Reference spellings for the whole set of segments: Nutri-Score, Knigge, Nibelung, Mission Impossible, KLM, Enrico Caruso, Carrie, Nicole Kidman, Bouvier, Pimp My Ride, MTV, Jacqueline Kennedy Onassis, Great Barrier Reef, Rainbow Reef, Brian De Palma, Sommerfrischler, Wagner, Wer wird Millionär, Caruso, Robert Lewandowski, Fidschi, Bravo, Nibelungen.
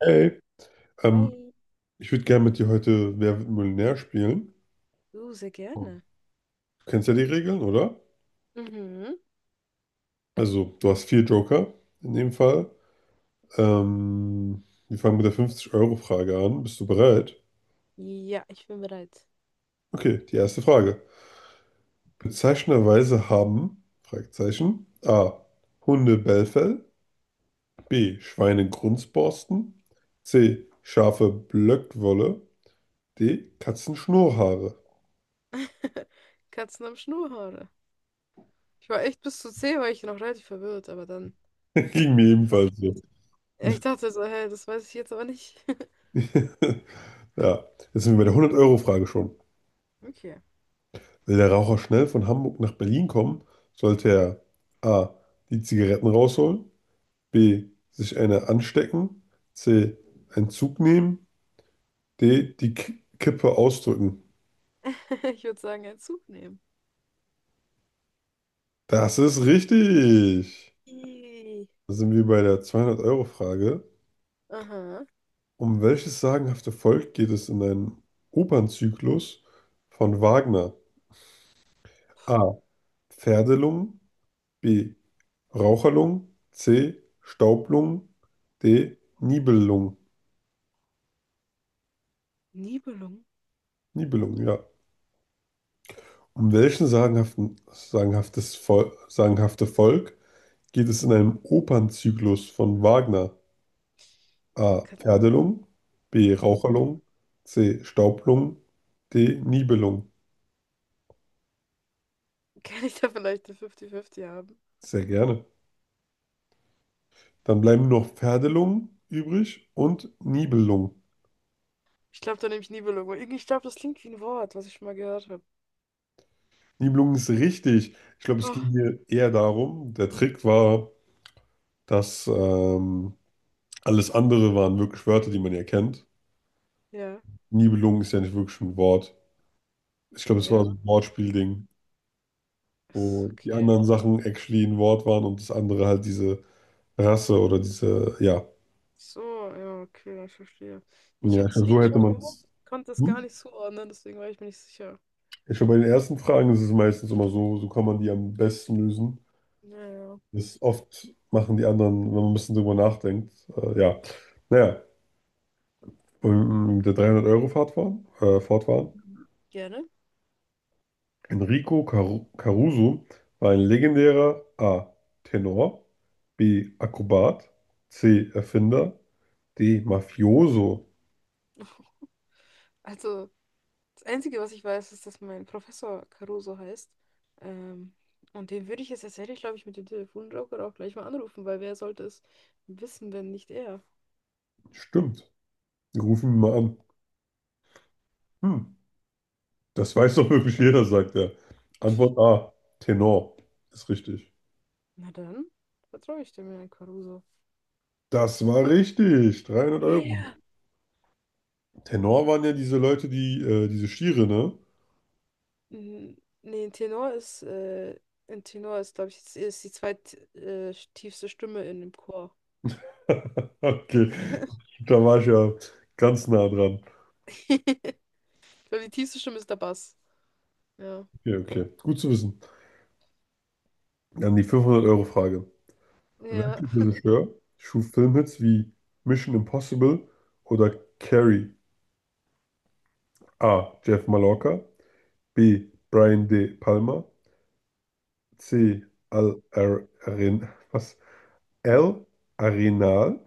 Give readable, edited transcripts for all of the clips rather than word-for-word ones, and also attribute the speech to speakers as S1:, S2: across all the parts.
S1: Hey, ähm,
S2: Hi,
S1: ich würde gerne mit dir heute Wer wird Millionär spielen.
S2: du, sehr
S1: Du
S2: gerne.
S1: kennst ja die Regeln, oder?
S2: Mhm.
S1: Also, du hast vier Joker in dem Fall. Ähm, wir fangen mit der 50-Euro-Frage an. Bist du bereit?
S2: Ja, ich bin bereit.
S1: Okay, die erste Frage. Bezeichnenderweise haben, Fragezeichen: A. Hunde Bellfell, B. Schweine Grunzborsten, C. Schafe Blöckwolle, D. Katzen Schnurrhaare.
S2: Katzen am Schnurrhaare. Ich war echt bis zu 10, war ich noch relativ verwirrt, aber dann.
S1: Ging mir ebenfalls so.
S2: Ja, ich dachte so, hä, das weiß ich jetzt aber nicht.
S1: Ja, jetzt sind wir bei der 100-Euro-Frage schon.
S2: Okay.
S1: Will der Raucher schnell von Hamburg nach Berlin kommen, sollte er a. die Zigaretten rausholen, b. sich eine anstecken, c. einen Zug nehmen, d. die K Kippe ausdrücken.
S2: Ich würde sagen, einen Zug nehmen.
S1: Das ist richtig.
S2: Ih.
S1: Da sind wir bei der 200 Euro frage.
S2: Aha.
S1: Um welches sagenhafte Volk geht es in einem Opernzyklus von Wagner? A. Pferdelungen, B. Raucherlungen, C. Staublungen, D. Nibelungen.
S2: Nibelung?
S1: Nibelungen, ja. Um welchen sagenhaften, sagenhaftes Vol sagenhafte Volk geht es in einem Opernzyklus von Wagner? A.
S2: Kann,
S1: Pferdelung, B.
S2: mhm.
S1: Raucherlung, C. Staublung, D. Nibelung.
S2: Kann ich da vielleicht eine 50-50 haben?
S1: Sehr gerne. Dann bleiben nur noch Pferdelung übrig und Nibelung.
S2: Ich glaube, da nehme ich Nibelung. Ich glaube, das klingt wie ein Wort, was ich schon mal gehört habe.
S1: Nibelung ist richtig. Ich glaube, es
S2: Oh,
S1: ging hier eher darum, der Trick war, dass alles andere waren wirklich Wörter, die man ja kennt.
S2: ja,
S1: Nibelung ist ja nicht wirklich ein Wort. Ich glaube, es war so
S2: ja.
S1: ein Wortspielding,
S2: Ist
S1: wo die
S2: okay.
S1: anderen Sachen actually ein Wort waren und das andere halt diese Rasse oder diese, ja.
S2: So, ja, okay, ich verstehe. Ich
S1: Ja,
S2: hatte
S1: ich
S2: es
S1: glaub, so
S2: eh
S1: hätte
S2: schon
S1: man
S2: gehört,
S1: es.
S2: konnte es gar
S1: Hm?
S2: nicht zuordnen, deswegen war ich mir nicht sicher.
S1: Ich glaube, bei den ersten Fragen ist es meistens immer so, so kann man die am besten lösen.
S2: Ja, ja,
S1: Das oft machen die anderen, wenn man ein bisschen drüber nachdenkt. Ja, naja, und mit der 300 Euro fahrt waren, Fahrt waren.
S2: gerne.
S1: Enrico Caruso war ein legendärer: A. Tenor, B. Akrobat, C. Erfinder, Die Mafioso.
S2: Also, das Einzige, was ich weiß, ist, dass mein Professor Caruso heißt. Ähm, und den würde ich jetzt tatsächlich, glaube ich, mit dem Telefonjoker auch gleich mal anrufen, weil wer sollte es wissen, wenn nicht er?
S1: Stimmt. Wir rufen ihn mal an. Hm, das weiß doch wirklich jeder, sagt er. Antwort A. Tenor. Ist richtig.
S2: Na dann, vertraue ich dem Herrn Caruso.
S1: Das war richtig. 300
S2: Ja,
S1: Euro.
S2: ja.
S1: Tenor waren ja diese Leute, die, diese Stiere, ne?
S2: Mhm. Nee, ein Tenor ist, glaube ich, ist die tiefste Stimme in dem Chor.
S1: Okay. Da war ich ja ganz nah dran.
S2: Ich glaube, die tiefste Stimme ist der Bass. Ja.
S1: Okay, okay. Gut zu wissen. Dann die 500-Euro-Frage.
S2: Ja.
S1: Welcher Regisseur schuf Filmhits wie Mission Impossible oder Carrie? A. Jeff Mallorca. B. Brian De Palma. C. Al Ar Arin was? L. Arenal.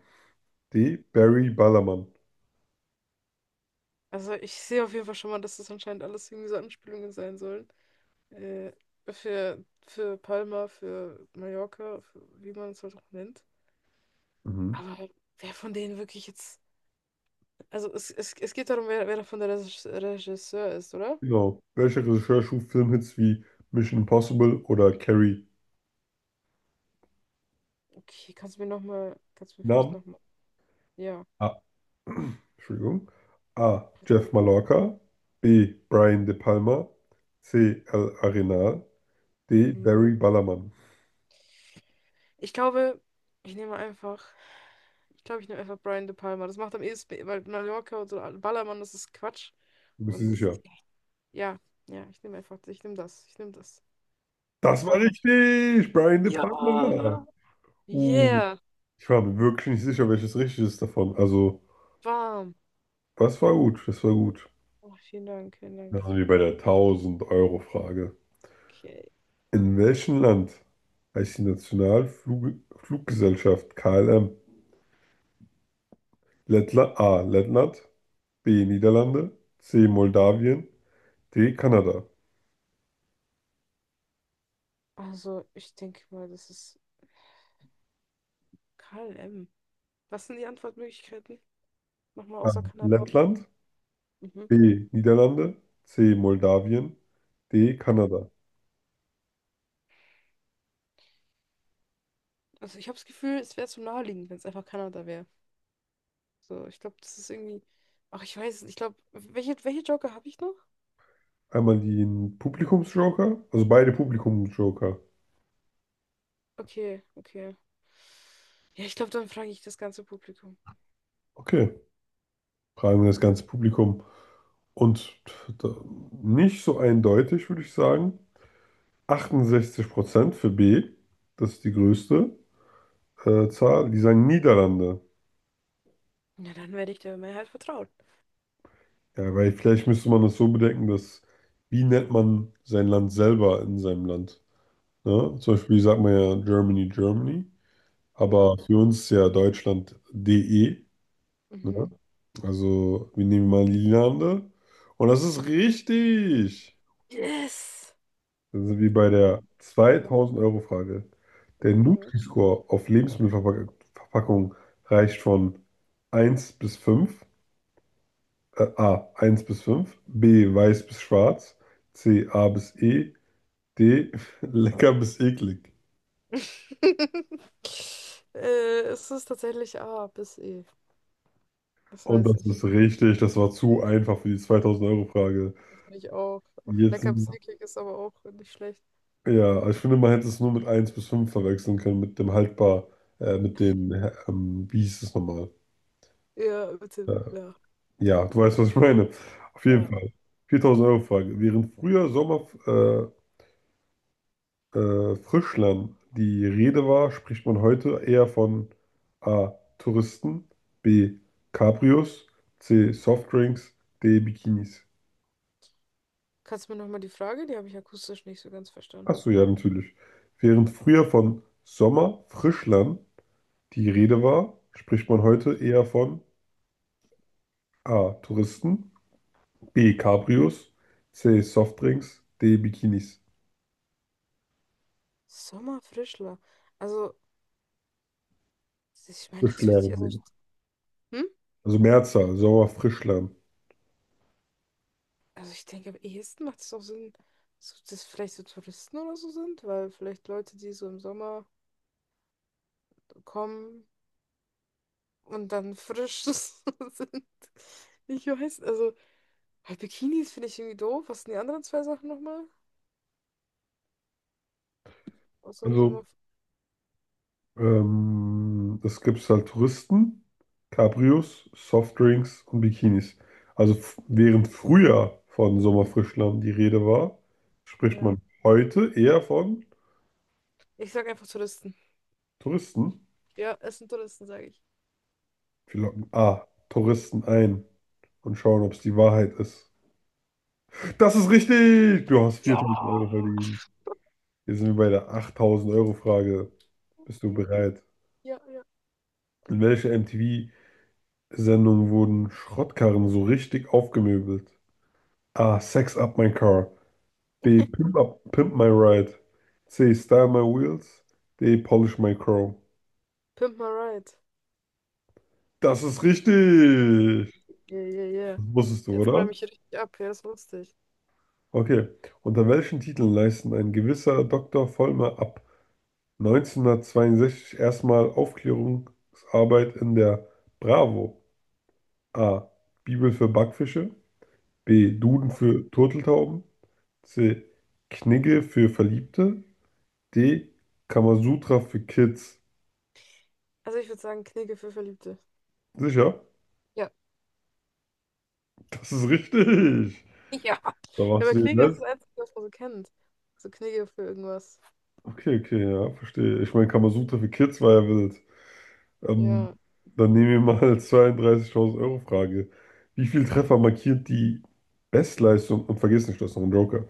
S1: D. Barry Ballermann.
S2: Also ich sehe auf jeden Fall schon mal, dass das anscheinend alles irgendwie so Anspielungen sein sollen. Äh, für Palma, für Mallorca, für, wie man es halt auch nennt.
S1: Mhm.
S2: Aber wer von denen wirklich jetzt. Also es geht darum, wer davon der Regisseur ist, oder?
S1: Genau. Welcher Regisseur schuf Filmhits wie Mission Impossible oder Carrie?
S2: Okay, kannst du mir vielleicht
S1: Namen?
S2: nochmal. Ja.
S1: A. Entschuldigung. A. Jeff Mallorca. B. Brian De Palma. C. Al Arenal. D.
S2: Mhm.
S1: Barry Ballermann.
S2: Ich glaube, ich nehme einfach. Ich glaube, ich nehme einfach Brian De Palma. Das macht am ehesten, weil Mallorca und so Ballermann, das ist Quatsch.
S1: Du bist dir
S2: Und
S1: sicher?
S2: ja, ja, ich nehme das. De
S1: Das war
S2: Palma.
S1: richtig! Brian De Palma!
S2: Ja.
S1: Uh,
S2: Yeah,
S1: Ich war mir wirklich nicht sicher, welches richtig ist davon. Also,
S2: warm.
S1: das war gut, das war gut.
S2: Oh, vielen Dank, vielen
S1: Dann
S2: Dank.
S1: sind wir bei der 1.000 Euro frage.
S2: Okay.
S1: In welchem Land heißt die Nationalfluggesellschaft KLM? Lettland, A. Lettland, B. Niederlande, C. Moldawien, D. Kanada.
S2: Also, ich denke mal, das ist KLM. Was sind die Antwortmöglichkeiten? Nochmal
S1: A.
S2: außer Kanada.
S1: Lettland,
S2: Mhm.
S1: B. Niederlande, C. Moldawien, D. Kanada.
S2: Also, ich habe das Gefühl, es wäre zu naheliegend, wenn es einfach Kanada wäre. So, ich glaube, das ist irgendwie. Ach, ich weiß es nicht. Ich glaube, welche Joker habe ich noch?
S1: Einmal den Publikumsjoker, also beide Publikumsjoker.
S2: Okay, okay. Ja, ich glaube, dann frage ich das ganze Publikum.
S1: Okay, fragen wir das ganze Publikum. Und da- nicht so eindeutig, würde ich sagen. 68% für B, das ist die größte Zahl, die sagen Niederlande.
S2: Na, dann werde ich der Mehrheit vertrauen.
S1: Ja, weil vielleicht müsste man das so bedenken, dass, wie nennt man sein Land selber in seinem Land? Ne? Zum Beispiel sagt man ja Germany, Germany,
S2: Ja.
S1: aber für uns ist ja Deutschland DE.
S2: Mhm.
S1: Ne? Also wir nehmen mal Niederlande, und das ist richtig.
S2: Yes!
S1: Das ist wie bei der
S2: Yeah.
S1: 2.000 Euro frage. Der
S2: Mhm.
S1: Nutri-Score auf Lebensmittelverpackungen reicht von eins bis 5. A, eins bis fünf. B, weiß bis schwarz, C, A bis E, D, lecker bis eklig.
S2: äh, es ist tatsächlich A bis E. Das
S1: Und
S2: weiß
S1: das
S2: ich.
S1: ist richtig, das war zu einfach für die 2.000 Euro frage.
S2: Das finde ich auch.
S1: Jetzt,
S2: Lecker bis eklig ist aber auch nicht schlecht.
S1: ja, ich finde, man hätte es nur mit eins bis 5 verwechseln können, mit dem haltbar, mit dem, wie hieß es nochmal?
S2: Ja, bitte.
S1: Äh,
S2: Ja.
S1: Ja, du weißt, was ich meine. Auf jeden
S2: Ja.
S1: Fall. 4.000-Euro-Frage. Während früher Sommer Frischland die Rede war, spricht man heute eher von A. Touristen, B. Cabrios, C. Softdrinks, D. Bikinis.
S2: Kannst du mir nochmal die Frage? Die habe ich akustisch nicht so ganz verstanden.
S1: Achso, ja, natürlich. Während früher von Sommer Frischland die Rede war, spricht man heute eher von A. Touristen, B. Cabrios, C. Softdrinks, D. Bikinis.
S2: Sommerfrischler. Also, ich meine, das wird
S1: Frischlehrer.
S2: sich. Also, hm?
S1: Also Mehrzahl, sauer.
S2: Also ich denke, am ehesten macht es auch Sinn, so, dass vielleicht so Touristen oder so sind, weil vielleicht Leute, die so im Sommer kommen und dann frisch sind. Ich weiß, also halt Bikinis finde ich irgendwie doof. Was sind die anderen zwei Sachen nochmal? Außer
S1: Also
S2: Sommer.
S1: es gibt halt Touristen, Cabrios, Softdrinks und Bikinis. Also während früher von Sommerfrischlamm die Rede war, spricht
S2: Ja.
S1: man heute eher von
S2: Ich sag einfach Touristen.
S1: Touristen.
S2: Ja, es sind Touristen, sage ich.
S1: Wir locken A, Touristen ein und schauen, ob es die Wahrheit ist. Das ist richtig! Du hast
S2: Ja.
S1: 4.000 Euro verdient. Hier sind wir bei der 8.000 Euro Frage. Bist du bereit?
S2: Ja, ja.
S1: In welcher MTV Sendung wurden Schrottkarren so richtig aufgemöbelt? A. Sex Up My Car. B. Pimp My Ride. C. Style My Wheels. D. Polish My Chrome.
S2: Pimp my ride.
S1: Das ist richtig!
S2: Yeah, yeah, yeah.
S1: Das wusstest du,
S2: Jetzt räume
S1: oder?
S2: ich richtig ab. Ja, das ist lustig.
S1: Okay. Unter welchen Titeln leisten ein gewisser Doktor Vollmer ab 1962 erstmal Aufklärungsarbeit in der Bravo? A. Bibel für Backfische. B. Duden für Turteltauben. C. Knigge für Verliebte. D. Kamasutra für Kids.
S2: Also ich würde sagen, Knigge für Verliebte.
S1: Sicher?
S2: Ja.
S1: Das ist richtig.
S2: Ja. Ja,
S1: Da warst
S2: aber
S1: du den
S2: Knigge ist
S1: Netz.
S2: das Einzige, was man so kennt. So Knigge für irgendwas.
S1: Okay, okay, ja, verstehe. Ich meine, Kamasutra für Kids war ja wild. Ähm,
S2: Ja,
S1: Dann nehmen wir mal 32.000 Euro Frage. Wie viel Treffer markiert die Bestleistung? Und vergiss nicht, das ist noch ein Joker.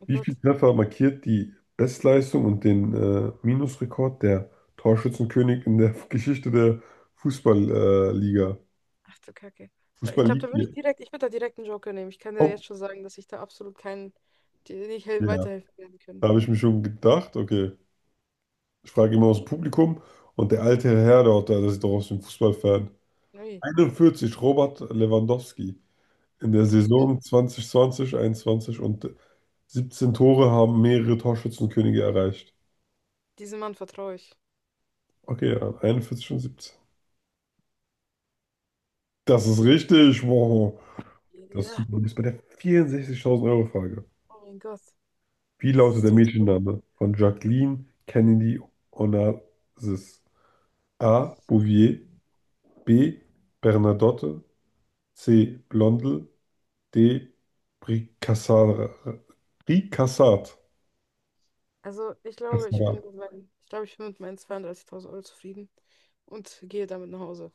S2: oh
S1: Wie viel
S2: Gott.
S1: Treffer markiert die Bestleistung und den Minusrekord der Torschützenkönig in der Geschichte der Fußballliga? Liga?
S2: Ach du Kacke.
S1: Fußball Liga.
S2: Ich würde da direkt einen Joker nehmen. Ich kann dir
S1: Oh,
S2: jetzt schon sagen, dass ich da absolut keinen, dir nicht hel-
S1: ja,
S2: weiterhelfen werden können.
S1: da habe ich mir schon gedacht. Okay. Ich frage immer aus dem Publikum, und der alte Herr dort, der ist doch aus dem Fußballfan.
S2: Nee.
S1: 41 Robert Lewandowski. In der
S2: Ja,
S1: Saison 2020/21, und 17 Tore haben mehrere Torschützenkönige erreicht.
S2: diesem Mann vertraue ich.
S1: Okay, ja, 41 und 17. Das ist richtig, wow. Das ist
S2: Ja.
S1: super. Du bist bei der 64.000 Euro Frage.
S2: Oh mein Gott.
S1: Wie
S2: Das
S1: lautet
S2: ist
S1: der
S2: so.
S1: Mädchenname von Jacqueline Kennedy Onassis? A. Bouvier. B. Bernadotte. C. Blondel. De Bricassat. Bricassat.
S2: Ich glaube, ich bin mit meinen 32.000 Euro zufrieden und gehe damit nach Hause.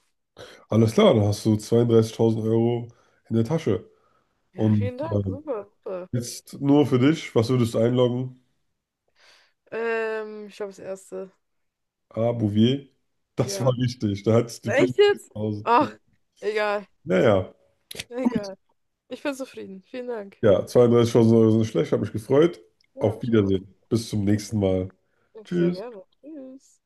S1: Alles klar, dann hast du 32.000 Euro in der Tasche.
S2: Ja,
S1: Und
S2: vielen Dank. Super, super.
S1: jetzt nur für dich, was würdest du einloggen?
S2: Ich glaube das erste.
S1: Ah, Bouvier. Das war
S2: Ja.
S1: richtig, da hattest du die
S2: Echt jetzt?
S1: 4.000.
S2: Ach, egal.
S1: Naja, ja,
S2: Egal. Ich bin zufrieden. Vielen Dank.
S1: Ja, 32.000 Euro sind schlecht, habe mich gefreut.
S2: Ja,
S1: Auf
S2: mich auch.
S1: Wiedersehen. Bis zum nächsten Mal.
S2: Ich sehr
S1: Tschüss.
S2: gerne. Tschüss.